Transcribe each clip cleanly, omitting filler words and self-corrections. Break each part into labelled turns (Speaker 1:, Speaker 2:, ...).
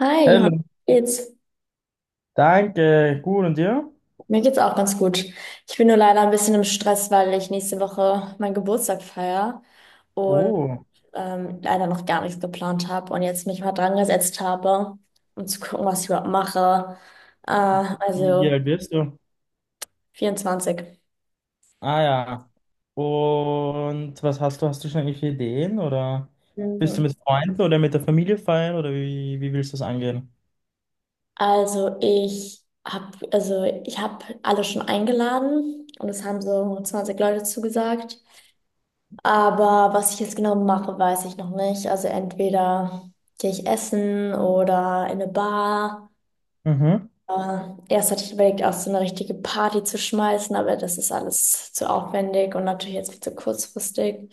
Speaker 1: Hi, Johann.
Speaker 2: Hallo,
Speaker 1: Wie Geht's?
Speaker 2: danke, gut und dir?
Speaker 1: Mir geht's auch ganz gut. Ich bin nur leider ein bisschen im Stress, weil ich nächste Woche meinen Geburtstag feiere und
Speaker 2: Oh,
Speaker 1: leider noch gar nichts geplant habe und jetzt mich mal dran gesetzt habe, um zu gucken, was ich überhaupt mache. Äh,
Speaker 2: wie
Speaker 1: also
Speaker 2: alt bist du?
Speaker 1: 24.
Speaker 2: Ah ja, und was hast du? Hast du schon irgendwelche Ideen oder bist du
Speaker 1: Mhm.
Speaker 2: mit Freunden oder mit der Familie feiern oder wie willst du das angehen?
Speaker 1: Also ich habe alle schon eingeladen und es haben so 20 Leute zugesagt. Aber was ich jetzt genau mache, weiß ich noch nicht. Also entweder gehe ich essen oder in eine Bar.
Speaker 2: Mhm.
Speaker 1: Aber erst hatte ich überlegt, auch so eine richtige Party zu schmeißen, aber das ist alles zu aufwendig und natürlich jetzt viel zu kurzfristig.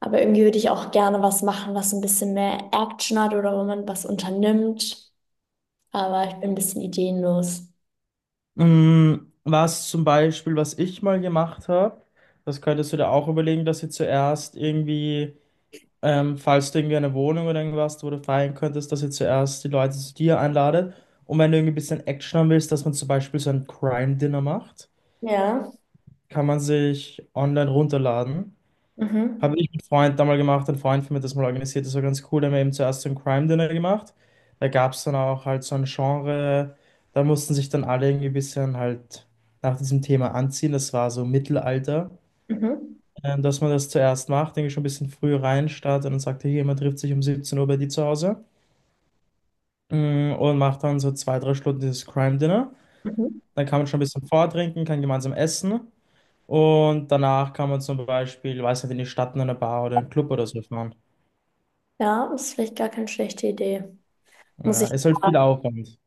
Speaker 1: Aber irgendwie würde ich auch gerne was machen, was ein bisschen mehr Action hat oder wo man was unternimmt. Aber ich bin ein bisschen ideenlos.
Speaker 2: Was zum Beispiel, was ich mal gemacht habe, das könntest du dir auch überlegen, dass ihr zuerst irgendwie, falls du irgendwie eine Wohnung oder irgendwas, wo du feiern könntest, dass ihr zuerst die Leute zu dir einladet. Und wenn du irgendwie ein bisschen Action haben willst, dass man zum Beispiel so ein Crime-Dinner macht.
Speaker 1: Ja.
Speaker 2: Kann man sich online runterladen. Habe
Speaker 1: Mhm.
Speaker 2: ich mit Freund damals gemacht, ein Freund von mir hat das mal organisiert, das war ganz cool. Da haben wir eben zuerst so ein Crime Dinner gemacht. Da gab es dann auch halt so ein Genre, da mussten sich dann alle irgendwie ein bisschen halt nach diesem Thema anziehen. Das war so Mittelalter.
Speaker 1: Mhm.
Speaker 2: Dass man das zuerst macht, denke ich schon, ein bisschen früh rein startet und dann sagt, hier, man trifft sich um 17 Uhr bei dir zu Hause, und macht dann so zwei, drei Stunden dieses Crime Dinner.
Speaker 1: Mhm.
Speaker 2: Dann kann man schon ein bisschen vortrinken, kann gemeinsam essen. Und danach kann man zum Beispiel, weiß nicht, in die Stadt, in eine Bar oder einen Club oder so fahren.
Speaker 1: Ja, das ist vielleicht gar keine schlechte Idee. Muss
Speaker 2: Ja,
Speaker 1: ich.
Speaker 2: ist halt viel Aufwand.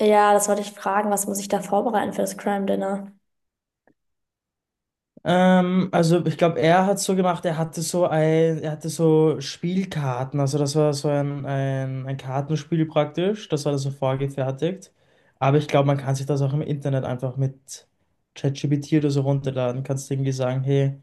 Speaker 1: Ja, das wollte ich fragen. Was muss ich da vorbereiten für das Crime Dinner?
Speaker 2: Also ich glaube, er hat so gemacht, er hatte so Spielkarten, also das war so ein Kartenspiel praktisch, das war dann so vorgefertigt. Aber ich glaube, man kann sich das auch im Internet einfach mit ChatGPT oder so runterladen. Kannst irgendwie sagen, hey,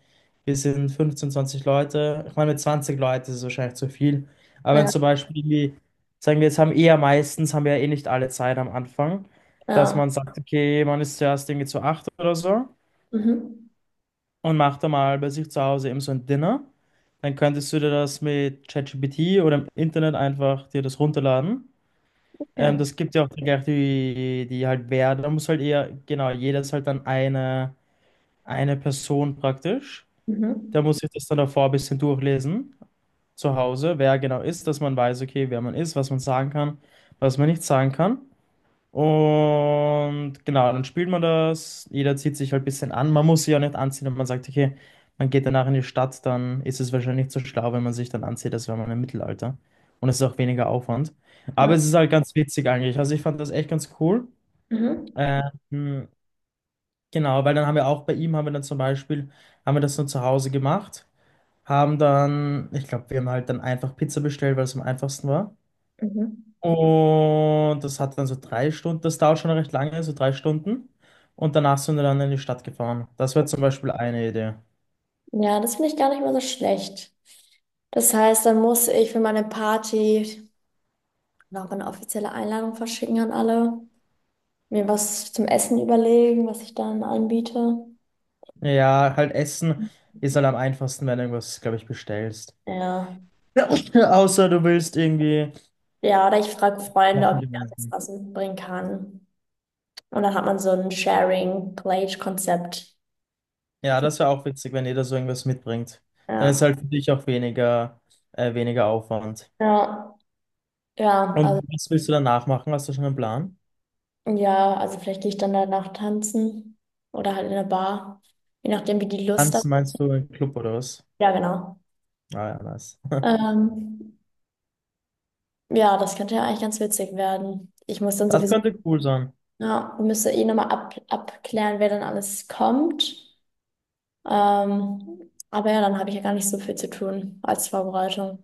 Speaker 2: wir sind 15, 20 Leute. Ich meine, mit 20 Leuten ist es wahrscheinlich zu viel. Aber wenn
Speaker 1: Ja.
Speaker 2: zum Beispiel, irgendwie- sagen wir, jetzt haben eher meistens, haben wir ja eh nicht alle Zeit am Anfang, dass
Speaker 1: Ja.
Speaker 2: man sagt, okay, man ist zuerst irgendwie zu acht oder so
Speaker 1: Mhm.
Speaker 2: und mach da mal bei sich zu Hause eben so ein Dinner. Dann könntest du dir das mit ChatGPT oder im Internet einfach dir das runterladen.
Speaker 1: Ja.
Speaker 2: Das gibt ja auch dann gleich die, die halt wer, da muss halt eher, genau, jeder ist halt dann eine Person praktisch. Da
Speaker 1: Mhm.
Speaker 2: muss ich das dann davor ein bisschen durchlesen, zu Hause, wer genau ist, dass man weiß, okay, wer man ist, was man sagen kann, was man nicht sagen kann. Und genau, dann spielt man das. Jeder zieht sich halt ein bisschen an. Man muss sich auch nicht anziehen, wenn man sagt, okay, man geht danach in die Stadt, dann ist es wahrscheinlich nicht so schlau, wenn man sich dann anzieht, als wäre man im Mittelalter. Und es ist auch weniger Aufwand. Aber
Speaker 1: Ja.
Speaker 2: es ist halt ganz witzig eigentlich. Also ich fand das echt ganz cool.
Speaker 1: Mhm.
Speaker 2: Ähm, genau, weil dann haben wir auch bei ihm, haben wir dann zum Beispiel, haben wir das nur zu Hause gemacht. Haben dann, ich glaube, wir haben halt dann einfach Pizza bestellt, weil es am einfachsten war.
Speaker 1: Mhm.
Speaker 2: Und das hat dann so drei Stunden, das dauert schon recht lange, so drei Stunden. Und danach sind wir dann in die Stadt gefahren. Das wäre zum Beispiel eine Idee.
Speaker 1: Ja, das finde ich gar nicht mal so schlecht. Das heißt, dann muss ich für meine Party noch eine offizielle Einladung verschicken an alle, mir was zum Essen überlegen, was ich dann anbiete.
Speaker 2: Ja, halt Essen ist halt am einfachsten, wenn du irgendwas, glaube ich, bestellst.
Speaker 1: Ja.
Speaker 2: Außer du willst irgendwie
Speaker 1: Ja, oder ich frage Freunde,
Speaker 2: kochen
Speaker 1: ob ich da alles
Speaker 2: gemeinsam.
Speaker 1: was mitbringen kann. Und dann hat man so ein Sharing-Plate-Konzept.
Speaker 2: Ja, das wäre auch witzig, wenn jeder so irgendwas mitbringt. Dann ist
Speaker 1: Ja.
Speaker 2: halt für dich auch weniger, weniger Aufwand.
Speaker 1: Ja. Ja, also.
Speaker 2: Und was willst du danach machen? Hast du schon einen Plan?
Speaker 1: Ja, also vielleicht gehe ich dann danach tanzen oder halt in eine Bar, je nachdem, wie die Lust hat.
Speaker 2: Tanzen meinst du im Club oder was?
Speaker 1: Ja, genau.
Speaker 2: Ah ja, nice.
Speaker 1: Ähm, ja, das könnte ja eigentlich ganz witzig werden. Ich muss dann
Speaker 2: Das
Speaker 1: sowieso,
Speaker 2: könnte cool sein.
Speaker 1: ja, müsste eh nochmal abklären, wer dann alles kommt. Aber ja, dann habe ich ja gar nicht so viel zu tun als Vorbereitung.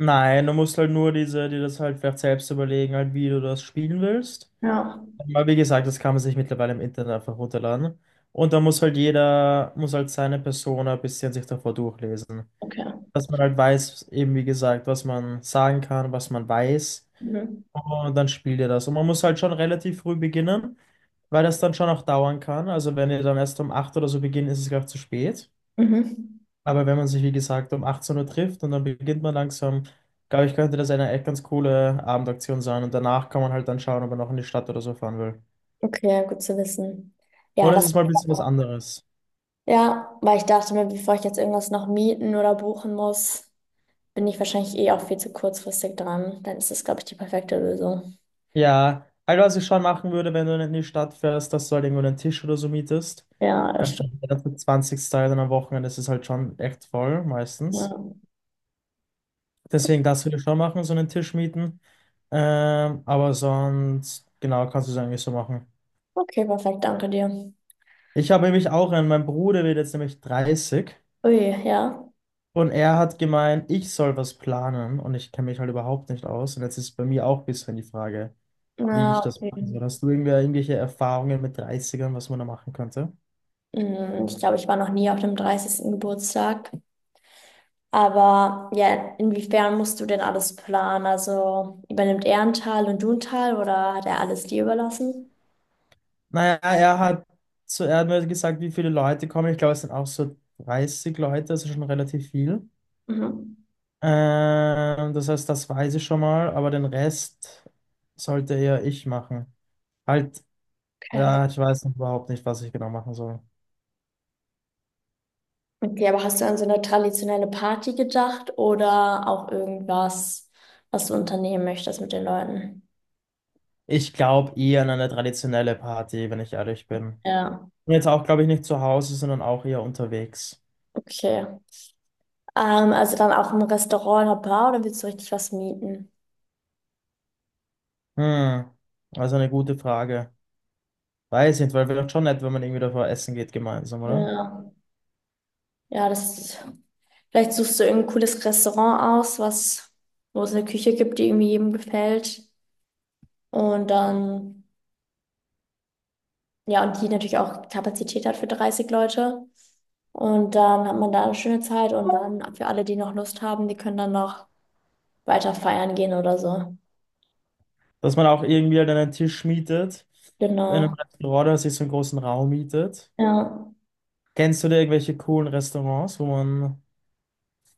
Speaker 2: Nein, du musst halt nur diese, dir das halt vielleicht selbst überlegen, halt, wie du das spielen willst.
Speaker 1: Ja,
Speaker 2: Aber wie gesagt, das kann man sich mittlerweile im Internet einfach runterladen. Und da muss halt jeder, muss halt seine Persona ein bisschen sich davor durchlesen.
Speaker 1: okay.
Speaker 2: Dass man halt weiß, eben wie gesagt, was man sagen kann, was man weiß.
Speaker 1: Mhm.
Speaker 2: Und dann spielt ihr das. Und man muss halt schon relativ früh beginnen, weil das dann schon auch dauern kann. Also wenn ihr dann erst um 8 oder so beginnt, ist es gleich zu spät.
Speaker 1: Mhm.
Speaker 2: Aber wenn man sich, wie gesagt, um 18 Uhr trifft und dann beginnt man langsam, glaube ich, könnte das eine echt ganz coole Abendaktion sein. Und danach kann man halt dann schauen, ob man noch in die Stadt oder so fahren will.
Speaker 1: Okay, gut zu wissen. Ja,
Speaker 2: Oder es
Speaker 1: das.
Speaker 2: ist mal ein bisschen was anderes.
Speaker 1: Ja, weil ich dachte mir, bevor ich jetzt irgendwas noch mieten oder buchen muss, bin ich wahrscheinlich eh auch viel zu kurzfristig dran. Dann ist das, glaube ich, die perfekte Lösung.
Speaker 2: Ja, also was ich schon machen würde, wenn du in die Stadt fährst, dass du halt irgendwo einen Tisch oder so mietest.
Speaker 1: Ja, das stimmt.
Speaker 2: Der ganze 20. Teil dann am Wochenende ist es halt schon echt voll,
Speaker 1: Ja.
Speaker 2: meistens. Deswegen das würde ich schon machen, so einen Tisch mieten. Aber sonst, genau, kannst du es eigentlich so machen.
Speaker 1: Okay, perfekt, danke dir.
Speaker 2: Ich habe nämlich auch einen, mein Bruder wird jetzt nämlich dreißig.
Speaker 1: Ui, ja.
Speaker 2: Und er hat gemeint, ich soll was planen und ich kenne mich halt überhaupt nicht aus. Und jetzt ist bei mir auch ein bisschen die Frage, wie
Speaker 1: Na,
Speaker 2: ich das
Speaker 1: okay.
Speaker 2: machen soll. Hast du irgendwie irgendwelche Erfahrungen mit Dreißigern, was man da machen könnte?
Speaker 1: Hm, ich glaube, ich war noch nie auf dem 30. Geburtstag. Aber ja, inwiefern musst du denn alles planen? Also übernimmt er einen Teil und du einen Teil oder hat er alles dir überlassen?
Speaker 2: Naja, er hat mir gesagt, wie viele Leute kommen. Ich glaube, es sind auch so 30 Leute, also schon relativ viel.
Speaker 1: Mhm.
Speaker 2: Das heißt, das weiß ich schon mal, aber den Rest sollte eher ich machen. Halt,
Speaker 1: Okay.
Speaker 2: ja, ich weiß noch überhaupt nicht, was ich genau machen soll.
Speaker 1: Okay, aber hast du an so eine traditionelle Party gedacht oder auch irgendwas, was du unternehmen möchtest mit den Leuten?
Speaker 2: Ich glaube eher an eine traditionelle Party, wenn ich ehrlich bin.
Speaker 1: Ja.
Speaker 2: Und jetzt auch, glaube ich, nicht zu Hause, sondern auch eher unterwegs.
Speaker 1: Okay. Also dann auch im Restaurant oder Bar oder willst du richtig was mieten?
Speaker 2: Hm, also eine gute Frage. Weiß nicht, weil wäre doch schon nett, wenn man irgendwie davor essen geht gemeinsam, oder?
Speaker 1: Ja. Ja, das, vielleicht suchst du irgendein cooles Restaurant aus, was, wo es eine Küche gibt, die irgendwie jedem gefällt. Und dann, ja, und die natürlich auch Kapazität hat für 30 Leute. Und dann hat man da eine schöne Zeit und dann für alle, die noch Lust haben, die können dann noch weiter feiern gehen oder so.
Speaker 2: Dass man auch irgendwie halt einen Tisch mietet, in einem
Speaker 1: Genau.
Speaker 2: Restaurant oder sich so einen großen Raum mietet.
Speaker 1: Ja.
Speaker 2: Kennst du da irgendwelche coolen Restaurants, wo man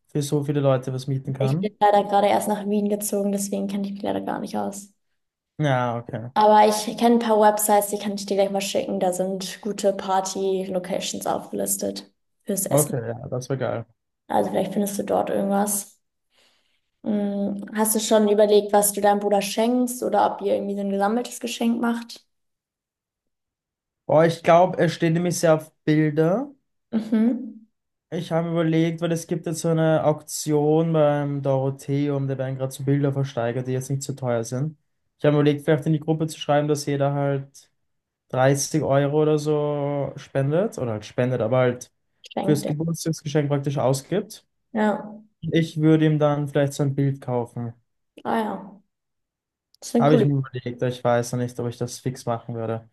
Speaker 2: für so viele Leute was mieten
Speaker 1: Ich bin
Speaker 2: kann?
Speaker 1: leider gerade erst nach Wien gezogen, deswegen kenne ich mich leider gar nicht aus.
Speaker 2: Ja, okay.
Speaker 1: Aber ich kenne ein paar Websites, die kann ich dir gleich mal schicken. Da sind gute Party-Locations aufgelistet fürs Essen.
Speaker 2: Okay, ja, das wäre geil.
Speaker 1: Also vielleicht findest du dort irgendwas. Hm, hast du schon überlegt, was du deinem Bruder schenkst oder ob ihr irgendwie so ein gesammeltes Geschenk macht?
Speaker 2: Boah, ich glaube, es stehen nämlich sehr auf Bilder.
Speaker 1: Mhm.
Speaker 2: Ich habe überlegt, weil es gibt jetzt so eine Auktion beim Dorotheum, da werden gerade so Bilder versteigert, die jetzt nicht so teuer sind. Ich habe überlegt, vielleicht in die Gruppe zu schreiben, dass jeder halt 30 Euro oder so spendet, oder halt spendet, aber halt
Speaker 1: Schenkt
Speaker 2: fürs
Speaker 1: er.
Speaker 2: Geburtstagsgeschenk praktisch ausgibt.
Speaker 1: Ja.
Speaker 2: Ich würde ihm dann vielleicht so ein Bild kaufen.
Speaker 1: Ah ja. Das ist eine
Speaker 2: Habe ich
Speaker 1: coole.
Speaker 2: mir überlegt, aber ich weiß noch nicht, ob ich das fix machen würde.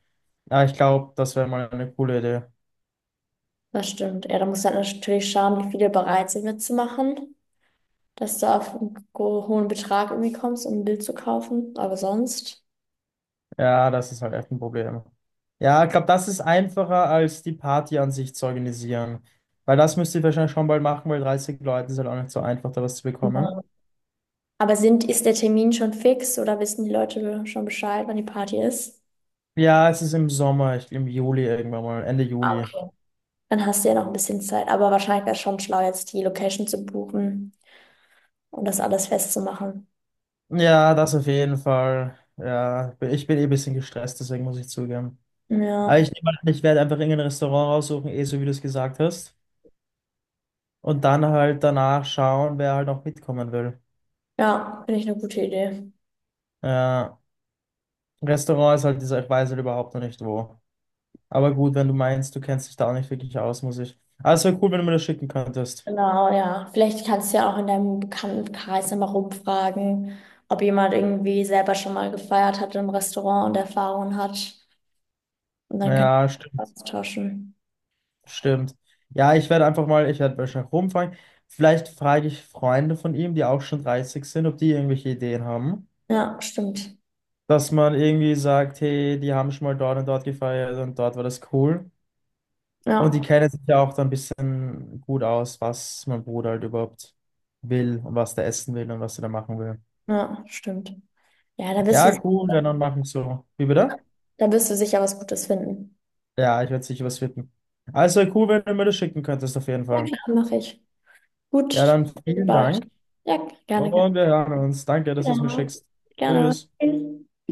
Speaker 2: Aber ich glaube, das wäre mal eine coole Idee.
Speaker 1: Das stimmt. Ja, da musst du halt natürlich schauen, wie viele bereit sind mitzumachen, dass du auf einen hohen Betrag irgendwie kommst, um ein Bild zu kaufen. Aber sonst.
Speaker 2: Ja, das ist halt echt ein Problem. Ja, ich glaube, das ist einfacher als die Party an sich zu organisieren. Weil das müsst ihr wahrscheinlich schon bald machen, weil 30 Leute ist halt auch nicht so einfach, da was zu bekommen.
Speaker 1: Aber ist der Termin schon fix oder wissen die Leute schon Bescheid, wann die Party ist?
Speaker 2: Ja, es ist im Sommer, ich, im Juli irgendwann mal, Ende Juli.
Speaker 1: Okay. Dann hast du ja noch ein bisschen Zeit. Aber wahrscheinlich wäre es schon schlau, jetzt die Location zu buchen und das alles festzumachen.
Speaker 2: Ja, das auf jeden Fall. Ja, ich bin eh ein bisschen gestresst, deswegen muss ich zugeben. Aber
Speaker 1: Ja,
Speaker 2: ich nehme an, ich werde einfach irgendein Restaurant raussuchen, eh so wie du es gesagt hast. Und dann halt danach schauen, wer halt noch mitkommen will.
Speaker 1: ja, finde ich eine gute Idee.
Speaker 2: Ja, Restaurant ist halt dieser, ich weiß halt überhaupt noch nicht wo. Aber gut, wenn du meinst, du kennst dich da auch nicht wirklich aus, muss ich. Aber es wäre cool, wenn du mir das schicken könntest.
Speaker 1: Genau, ja. Vielleicht kannst du ja auch in deinem Bekanntenkreis nochmal rumfragen, ob jemand irgendwie selber schon mal gefeiert hat im Restaurant und Erfahrungen hat. Und dann kannst
Speaker 2: Ja,
Speaker 1: du
Speaker 2: stimmt,
Speaker 1: austauschen.
Speaker 2: stimmt. Ja, ich werde einfach mal, ich werde wahrscheinlich rumfragen. Vielleicht frage ich Freunde von ihm, die auch schon 30 sind, ob die irgendwelche Ideen haben.
Speaker 1: Ja, stimmt.
Speaker 2: Dass man irgendwie sagt, hey, die haben schon mal dort und dort gefeiert und dort war das cool. Und die
Speaker 1: Ja,
Speaker 2: kennen sich ja auch dann ein bisschen gut aus, was mein Bruder halt überhaupt will und was der essen will und was er da machen will.
Speaker 1: ja, stimmt. Ja, da wirst du.
Speaker 2: Ja, cool, ja, dann machen wir so. Wie
Speaker 1: Ja.
Speaker 2: bitte?
Speaker 1: Da wirst du sicher was Gutes finden.
Speaker 2: Ja, ich werde sicher was finden. Also cool, wenn du mir das schicken könntest, auf jeden
Speaker 1: Ja,
Speaker 2: Fall.
Speaker 1: klar, mache ich. Gut,
Speaker 2: Ja, dann
Speaker 1: bis
Speaker 2: vielen
Speaker 1: bald.
Speaker 2: Dank
Speaker 1: Ja, gerne, gerne.
Speaker 2: und wir hören uns. Danke, dass du es mir
Speaker 1: Ja,
Speaker 2: schickst.
Speaker 1: gerne.
Speaker 2: Tschüss.
Speaker 1: Tschüss.